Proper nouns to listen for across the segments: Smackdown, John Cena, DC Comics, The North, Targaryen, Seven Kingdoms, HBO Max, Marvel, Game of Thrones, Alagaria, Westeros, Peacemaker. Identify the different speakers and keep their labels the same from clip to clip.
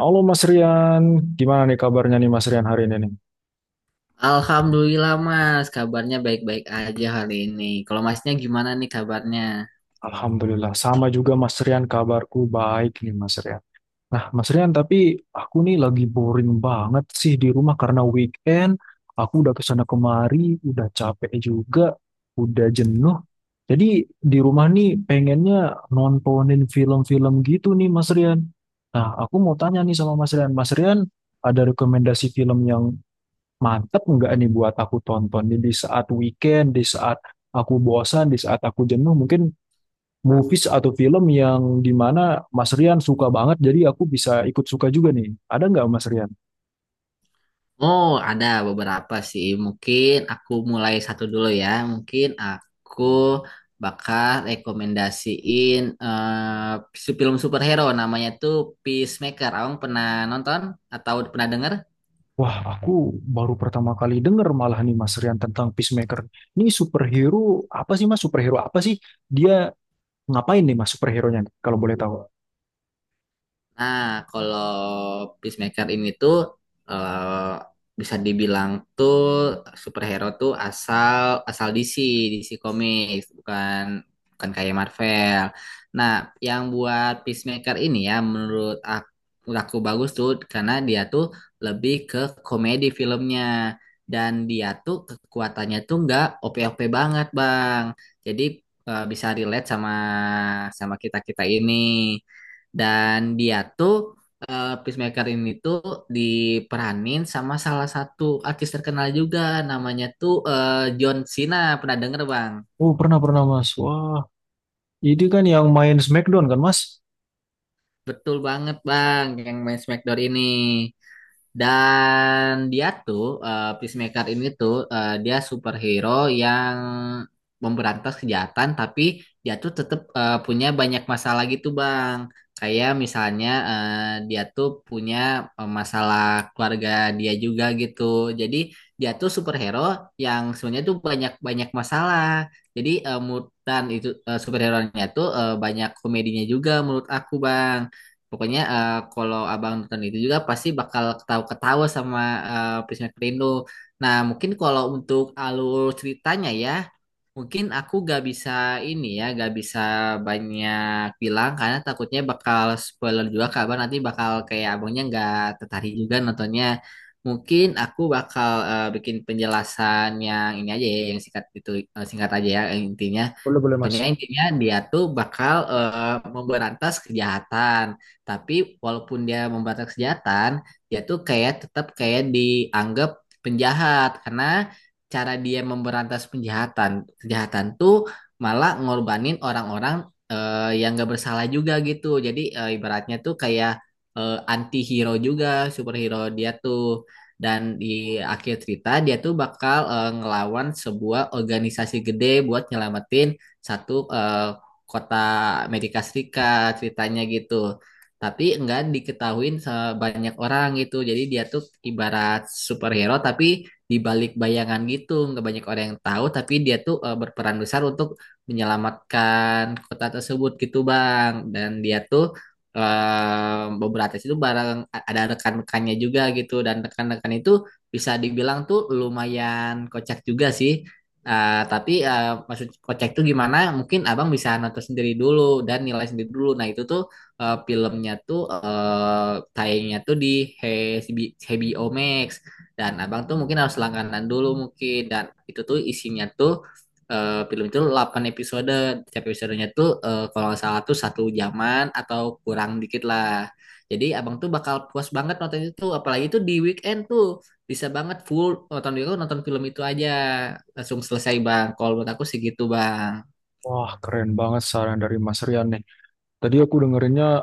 Speaker 1: Halo Mas Rian, gimana nih kabarnya nih Mas Rian hari ini nih?
Speaker 2: Alhamdulillah Mas, kabarnya baik-baik aja hari ini. Kalau Masnya gimana nih kabarnya?
Speaker 1: Alhamdulillah, sama juga Mas Rian kabarku baik nih Mas Rian. Nah Mas Rian, tapi aku nih lagi boring banget sih di rumah karena weekend, aku udah kesana kemari, udah capek juga, udah jenuh. Jadi di rumah nih pengennya nontonin film-film gitu nih Mas Rian. Nah aku mau tanya nih sama Mas Rian, Mas Rian ada rekomendasi film yang mantep nggak nih buat aku tonton. Jadi di saat weekend, di saat aku bosan, di saat aku jenuh, mungkin movies atau film yang dimana Mas Rian suka banget, jadi aku bisa ikut suka juga nih. Ada nggak Mas Rian?
Speaker 2: Oh, ada beberapa sih. Mungkin aku mulai satu dulu ya. Mungkin aku bakal rekomendasiin si film superhero namanya tuh Peacemaker. Abang pernah nonton atau pernah denger?
Speaker 1: Wah, aku baru pertama kali denger malah nih Mas Rian tentang Peacemaker. Ini superhero apa sih Mas? Superhero apa sih? Dia ngapain nih Mas superhero-nya nih, kalau boleh tahu?
Speaker 2: Nah, kalau Peacemaker ini tuh eh, bisa dibilang tuh superhero tuh asal asal DC, DC Comics, bukan bukan kayak Marvel. Nah, yang buat Peacemaker ini ya menurut aku, bagus tuh karena dia tuh lebih ke komedi filmnya dan dia tuh kekuatannya tuh nggak OP-OP banget, Bang. Jadi bisa relate sama sama kita-kita ini. Dan dia tuh Peacemaker ini tuh diperanin sama salah satu artis terkenal juga namanya tuh John Cena. Pernah denger, Bang?
Speaker 1: Oh, pernah-pernah Mas. Wah, ini kan yang main Smackdown kan Mas?
Speaker 2: Betul banget, Bang, yang main Smackdown ini. Dan dia tuh Peacemaker ini tuh dia superhero yang memberantas kejahatan tapi dia tuh tetap punya banyak masalah gitu Bang. Kayak misalnya dia tuh punya masalah keluarga dia juga gitu. Jadi dia tuh superhero yang sebenarnya tuh banyak-banyak masalah. Jadi dan itu superhero-nya tuh banyak komedinya juga menurut aku Bang. Pokoknya kalau abang nonton itu juga pasti bakal ketawa-ketawa sama Peacemaker Rindu. Nah mungkin kalau untuk alur ceritanya ya, mungkin aku gak bisa ini ya, gak bisa banyak bilang karena takutnya bakal spoiler juga kabar nanti bakal kayak abangnya nggak tertarik juga nontonnya. Mungkin aku bakal bikin penjelasan yang ini aja ya, yang singkat itu singkat aja ya yang intinya.
Speaker 1: Boleh-boleh
Speaker 2: Pokoknya
Speaker 1: Mas.
Speaker 2: intinya dia tuh bakal memberantas kejahatan. Tapi walaupun dia memberantas kejahatan, dia tuh kayak tetap kayak dianggap penjahat karena cara dia memberantas penjahatan kejahatan tuh malah ngorbanin orang-orang yang gak bersalah juga gitu. Jadi ibaratnya tuh kayak anti hero juga superhero dia tuh. Dan di akhir cerita dia tuh bakal ngelawan sebuah organisasi gede buat nyelamatin satu kota Amerika Serikat ceritanya gitu, tapi enggak diketahuin sebanyak orang gitu. Jadi dia tuh ibarat superhero tapi di balik bayangan gitu, nggak banyak orang yang tahu tapi dia tuh berperan besar untuk menyelamatkan kota tersebut gitu bang. Dan dia tuh beberapa artis itu bareng, ada rekan-rekannya juga gitu dan rekan-rekan itu bisa dibilang tuh lumayan kocak juga sih. Tapi maksud kocak tuh gimana mungkin abang bisa nonton sendiri dulu dan nilai sendiri dulu. Nah itu tuh filmnya tuh tayangnya tuh di He- HBO Max dan abang tuh mungkin harus langganan dulu mungkin. Dan itu tuh isinya tuh film itu 8 episode. Setiap episodenya tuh kalau nggak salah tuh satu jaman atau kurang dikit lah. Jadi abang tuh bakal puas banget nonton itu. Apalagi tuh di weekend tuh bisa banget full nonton dulu nonton film itu aja langsung selesai bang. Kalau menurut aku sih gitu bang.
Speaker 1: Wah, keren banget saran dari Mas Rian nih. Tadi aku dengerinnya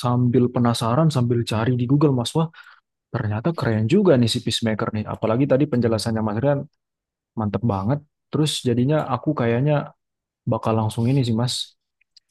Speaker 1: sambil penasaran, sambil cari di Google, Mas. Wah, ternyata keren juga nih si Peacemaker nih. Apalagi tadi penjelasannya Mas Rian mantep banget. Terus jadinya aku kayaknya bakal langsung ini sih, Mas.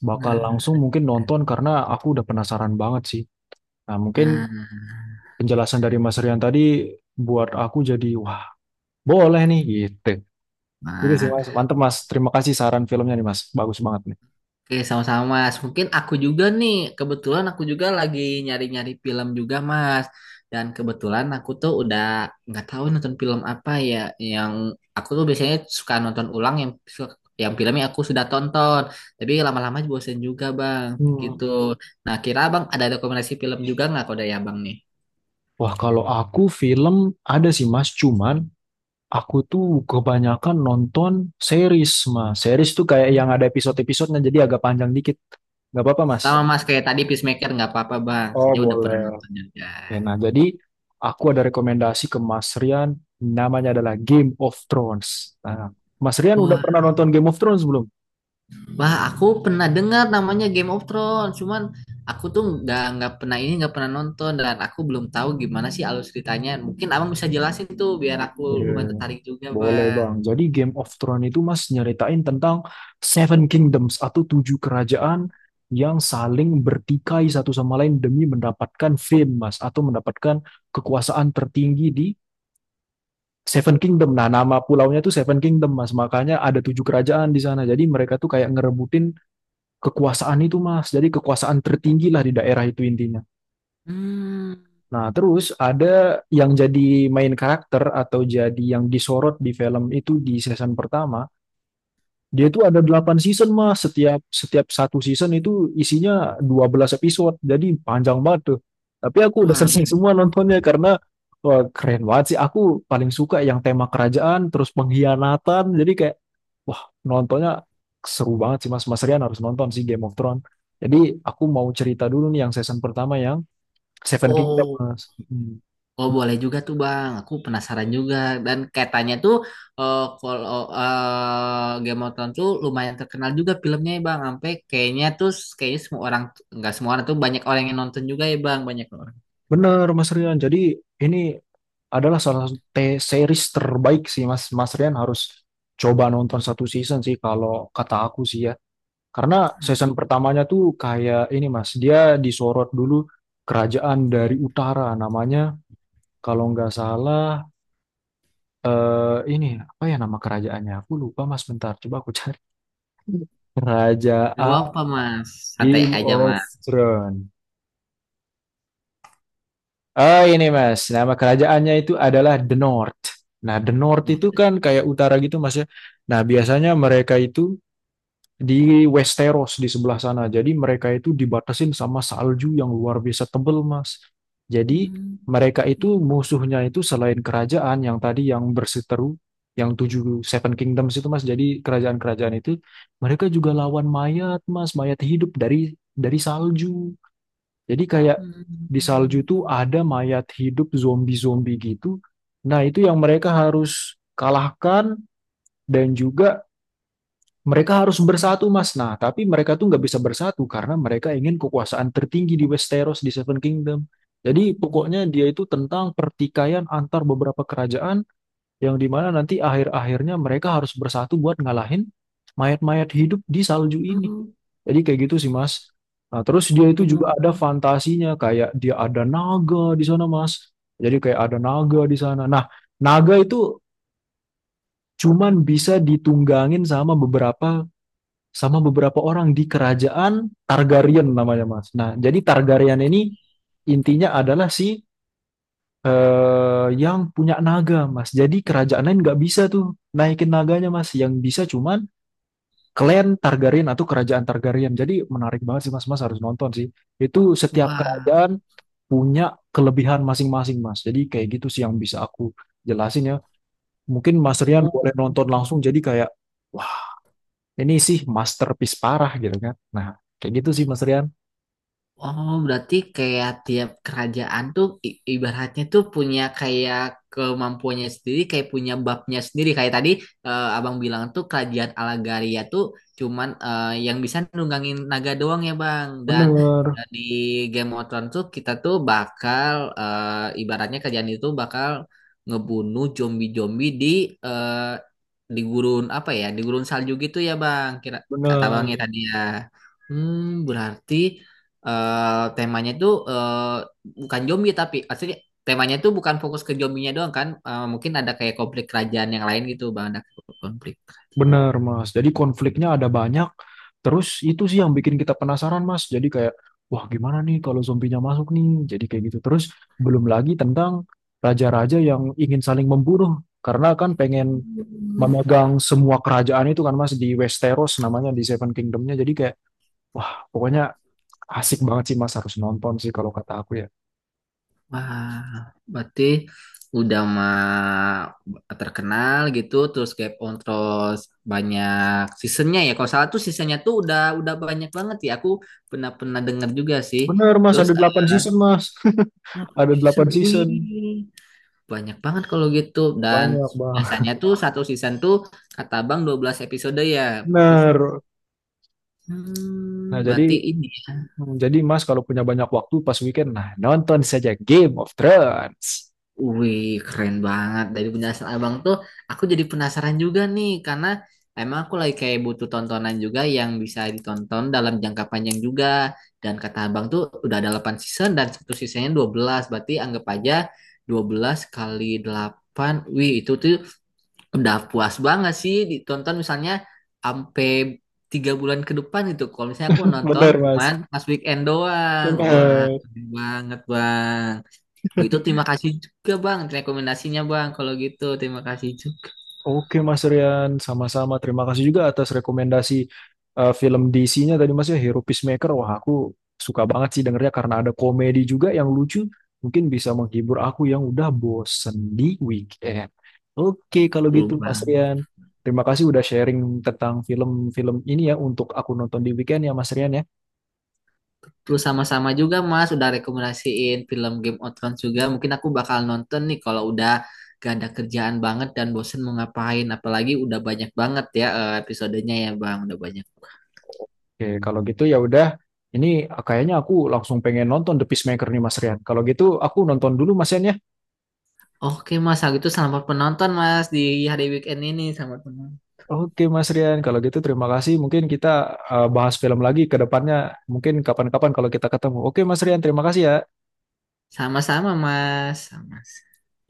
Speaker 1: Bakal
Speaker 2: Nah,
Speaker 1: langsung mungkin nonton karena aku udah penasaran banget sih. Nah, mungkin
Speaker 2: nah,
Speaker 1: penjelasan dari Mas Rian tadi buat aku jadi, wah, boleh nih gitu. Ini sih,
Speaker 2: nah.
Speaker 1: Mas. Mantep, Mas. Terima kasih saran filmnya nih, Mas. Bagus banget nih.
Speaker 2: Oke, sama-sama Mas. Mungkin aku juga nih, kebetulan aku juga lagi nyari-nyari film juga Mas. Dan kebetulan aku tuh udah nggak tahu nonton film apa ya yang aku tuh biasanya suka nonton ulang yang filmnya aku sudah tonton. Tapi lama-lama bosen juga Bang,
Speaker 1: Hmm.
Speaker 2: gitu. Nah, kira Bang ada rekomendasi film juga nggak kode ya Bang nih?
Speaker 1: Wah, kalau aku film ada sih, Mas. Cuman aku tuh kebanyakan nonton series, Mas. Series tuh kayak yang ada episode-episodenya, jadi agak panjang dikit. Nggak apa-apa,
Speaker 2: Sama
Speaker 1: Mas.
Speaker 2: Mas kayak tadi Peacemaker nggak apa-apa Bang,
Speaker 1: Oh,
Speaker 2: saya udah pernah
Speaker 1: boleh.
Speaker 2: nonton juga.
Speaker 1: Oke, nah, jadi aku ada rekomendasi ke Mas Rian, namanya adalah Game of Thrones. Nah, Mas Rian udah
Speaker 2: Wah,
Speaker 1: pernah nonton Game of Thrones belum?
Speaker 2: Wah, aku pernah dengar namanya Game of Thrones, cuman aku tuh nggak pernah ini nggak pernah nonton dan aku belum tahu gimana sih alur ceritanya. Mungkin abang bisa jelasin tuh biar aku
Speaker 1: Oke,
Speaker 2: lumayan tertarik juga,
Speaker 1: boleh Bang.
Speaker 2: bang.
Speaker 1: Jadi Game of Thrones itu Mas nyeritain tentang Seven Kingdoms atau tujuh kerajaan yang saling bertikai satu sama lain demi mendapatkan fame Mas, atau mendapatkan kekuasaan tertinggi di Seven Kingdom. Nah, nama pulaunya itu Seven Kingdom Mas. Makanya ada tujuh kerajaan di sana. Jadi mereka tuh kayak ngerebutin kekuasaan itu Mas. Jadi kekuasaan tertinggi lah di daerah itu intinya.
Speaker 2: Hmm,
Speaker 1: Nah, terus ada yang jadi main karakter atau jadi yang disorot di film itu di season pertama. Dia itu ada 8 season, Mas. Setiap setiap satu season itu isinya 12 episode. Jadi panjang banget tuh. Tapi aku udah
Speaker 2: wah, habis
Speaker 1: selesai semua nontonnya karena, wah, keren banget sih. Aku paling suka yang tema kerajaan, terus pengkhianatan. Jadi kayak, wah, nontonnya seru banget sih, Mas. Mas Rian harus nonton sih Game of Thrones. Jadi aku mau cerita dulu nih yang season pertama yang Seven Kingdom,
Speaker 2: oh,
Speaker 1: Mas. Hmm.
Speaker 2: oh boleh juga tuh bang. Aku penasaran juga dan katanya tuh kalau Game of Thrones tuh lumayan terkenal juga filmnya ya bang. Sampai kayaknya tuh kayaknya semua orang, nggak semua orang tuh banyak orang yang nonton juga ya bang, banyak orang.
Speaker 1: Bener, Mas Rian. Jadi ini adalah salah satu series terbaik sih, Mas. Mas Rian harus coba nonton satu season sih kalau kata aku sih ya. Karena season pertamanya tuh kayak ini, Mas. Dia disorot dulu kerajaan dari utara namanya, kalau nggak salah, eh ini apa ya nama kerajaannya? Aku lupa, Mas. Bentar, coba aku cari.
Speaker 2: Gak
Speaker 1: Kerajaan
Speaker 2: apa-apa mas, santai
Speaker 1: Game
Speaker 2: aja
Speaker 1: of
Speaker 2: mas.
Speaker 1: Thrones. Oh ini Mas, nama kerajaannya itu adalah The North. Nah, The North itu
Speaker 2: Hmm.
Speaker 1: kan kayak utara gitu Mas ya. Nah, biasanya mereka itu di Westeros di sebelah sana. Jadi mereka itu dibatasin sama salju yang luar biasa tebel Mas. Jadi
Speaker 2: Hmm.
Speaker 1: mereka itu musuhnya itu selain kerajaan yang tadi yang berseteru, yang tujuh Seven Kingdoms itu Mas. Jadi kerajaan-kerajaan itu mereka juga lawan mayat Mas, mayat hidup dari salju. Jadi kayak di salju
Speaker 2: Hmm.
Speaker 1: tuh ada mayat hidup zombie-zombie gitu. Nah, itu yang mereka harus kalahkan, dan juga mereka harus bersatu, Mas. Nah, tapi mereka tuh nggak bisa bersatu karena mereka ingin kekuasaan tertinggi di Westeros, di Seven Kingdom. Jadi pokoknya dia itu tentang pertikaian antar beberapa kerajaan yang dimana nanti akhir-akhirnya mereka harus bersatu buat ngalahin mayat-mayat hidup di salju ini.
Speaker 2: Hmm.
Speaker 1: Jadi kayak gitu sih Mas. Nah, terus dia itu juga ada
Speaker 2: Hmm.
Speaker 1: fantasinya, kayak dia ada naga di sana Mas. Jadi kayak ada naga di sana. Nah, naga itu cuman bisa ditunggangin sama beberapa orang di kerajaan Targaryen namanya Mas. Nah, jadi Targaryen ini intinya adalah si yang punya naga Mas. Jadi kerajaan lain nggak bisa tuh naikin naganya Mas. Yang bisa cuman Klan Targaryen atau Kerajaan Targaryen. Jadi menarik banget sih Mas, Mas harus nonton sih. Itu setiap
Speaker 2: Wah,
Speaker 1: kerajaan punya kelebihan masing-masing Mas. Jadi kayak gitu sih yang bisa aku jelasin ya. Mungkin Mas Rian
Speaker 2: oh,
Speaker 1: boleh nonton langsung jadi kayak, wah, ini sih masterpiece parah gitu kan. Nah, kayak gitu sih Mas Rian.
Speaker 2: oh, berarti kayak tiap kerajaan tuh ibaratnya tuh punya kayak kemampuannya sendiri, kayak punya babnya sendiri. Kayak tadi abang bilang tuh kerajaan Alagaria tuh cuman yang bisa nunggangin naga doang ya bang. Dan
Speaker 1: Bener,
Speaker 2: di Game of Thrones tuh kita tuh bakal ibaratnya kerajaan itu bakal ngebunuh zombie-zombie eh, di gurun apa ya, di gurun salju gitu ya bang. Kira kata abangnya
Speaker 1: bener.
Speaker 2: tadi ya. Hmm, berarti temanya itu bukan zombie tapi aslinya temanya itu bukan fokus ke zombinya doang kan. Mungkin ada kayak konflik kerajaan yang lain gitu bang, ada konflik.
Speaker 1: Bener, Mas. Jadi konfliknya ada banyak. Terus itu sih yang bikin kita penasaran, Mas. Jadi kayak, wah, gimana nih kalau zombinya masuk nih? Jadi kayak gitu. Terus belum lagi tentang raja-raja yang ingin saling membunuh. Karena kan pengen
Speaker 2: Hmm.
Speaker 1: memegang semua kerajaan itu kan, Mas, di Westeros namanya, di Seven Kingdomnya. Jadi kayak, wah, pokoknya asik banget sih, Mas. Harus nonton sih kalau kata aku ya.
Speaker 2: Wah berarti udah mah terkenal gitu terus Game on terus banyak seasonnya ya kalau salah tuh seasonnya tuh udah banyak banget ya aku pernah pernah dengar juga sih.
Speaker 1: Bener, Mas.
Speaker 2: Terus
Speaker 1: Ada delapan season, Mas.
Speaker 2: delapan
Speaker 1: Ada
Speaker 2: season
Speaker 1: 8
Speaker 2: wih.
Speaker 1: season.
Speaker 2: Banyak banget kalau gitu. Dan
Speaker 1: Banyak, Bang.
Speaker 2: biasanya tuh satu season tuh kata Bang 12 episode ya. Berarti,
Speaker 1: Bener. Nah,
Speaker 2: hmm,
Speaker 1: jadi
Speaker 2: berarti ini ya.
Speaker 1: Hmm, Jadi Mas kalau punya banyak waktu pas weekend, nah nonton saja Game of Thrones.
Speaker 2: Wih, keren banget. Dari penjelasan Abang tuh aku jadi penasaran juga nih karena emang aku lagi kayak butuh tontonan juga yang bisa ditonton dalam jangka panjang juga. Dan kata Abang tuh udah ada 8 season dan satu seasonnya 12. Berarti anggap aja 12 kali 8. Wih, itu tuh udah puas banget sih ditonton misalnya sampai 3 bulan ke depan itu, kalau misalnya aku nonton
Speaker 1: Benar,
Speaker 2: cuman
Speaker 1: Mas.
Speaker 2: pas weekend doang. Wah
Speaker 1: Benar.
Speaker 2: keren banget bang. Oh, itu terima kasih juga bang rekomendasinya bang. Kalau gitu terima kasih juga.
Speaker 1: Oke Mas Rian, sama-sama. Terima kasih juga atas rekomendasi film DC-nya tadi Mas ya, Hero Peacemaker. Wah aku suka banget sih dengernya karena ada komedi juga yang lucu. Mungkin bisa menghibur aku yang udah bosen di weekend. Oke kalau
Speaker 2: Tuh,
Speaker 1: gitu Mas
Speaker 2: bang,
Speaker 1: Rian, terima kasih udah sharing tentang film-film ini ya untuk aku nonton di weekend ya Mas Rian ya.
Speaker 2: terus sama-sama juga mas udah rekomendasiin film Game of Thrones juga. Mungkin aku bakal nonton nih kalau udah gak ada kerjaan banget dan bosen mau ngapain. Apalagi udah banyak banget ya, episodenya ya bang udah banyak.
Speaker 1: Oke, kalau gitu ya udah. Ini kayaknya aku langsung pengen nonton The Peacemaker nih Mas Rian. Kalau gitu aku nonton dulu Mas Rian ya.
Speaker 2: Oke Mas, kalau gitu selamat penonton Mas di hari weekend ini. Selamat penonton.
Speaker 1: Oke Mas Rian, kalau gitu terima kasih. Mungkin kita bahas film lagi ke depannya. Mungkin kapan-kapan kalau kita ketemu. Oke Mas Rian, terima kasih ya.
Speaker 2: Sama-sama Mas. Sama.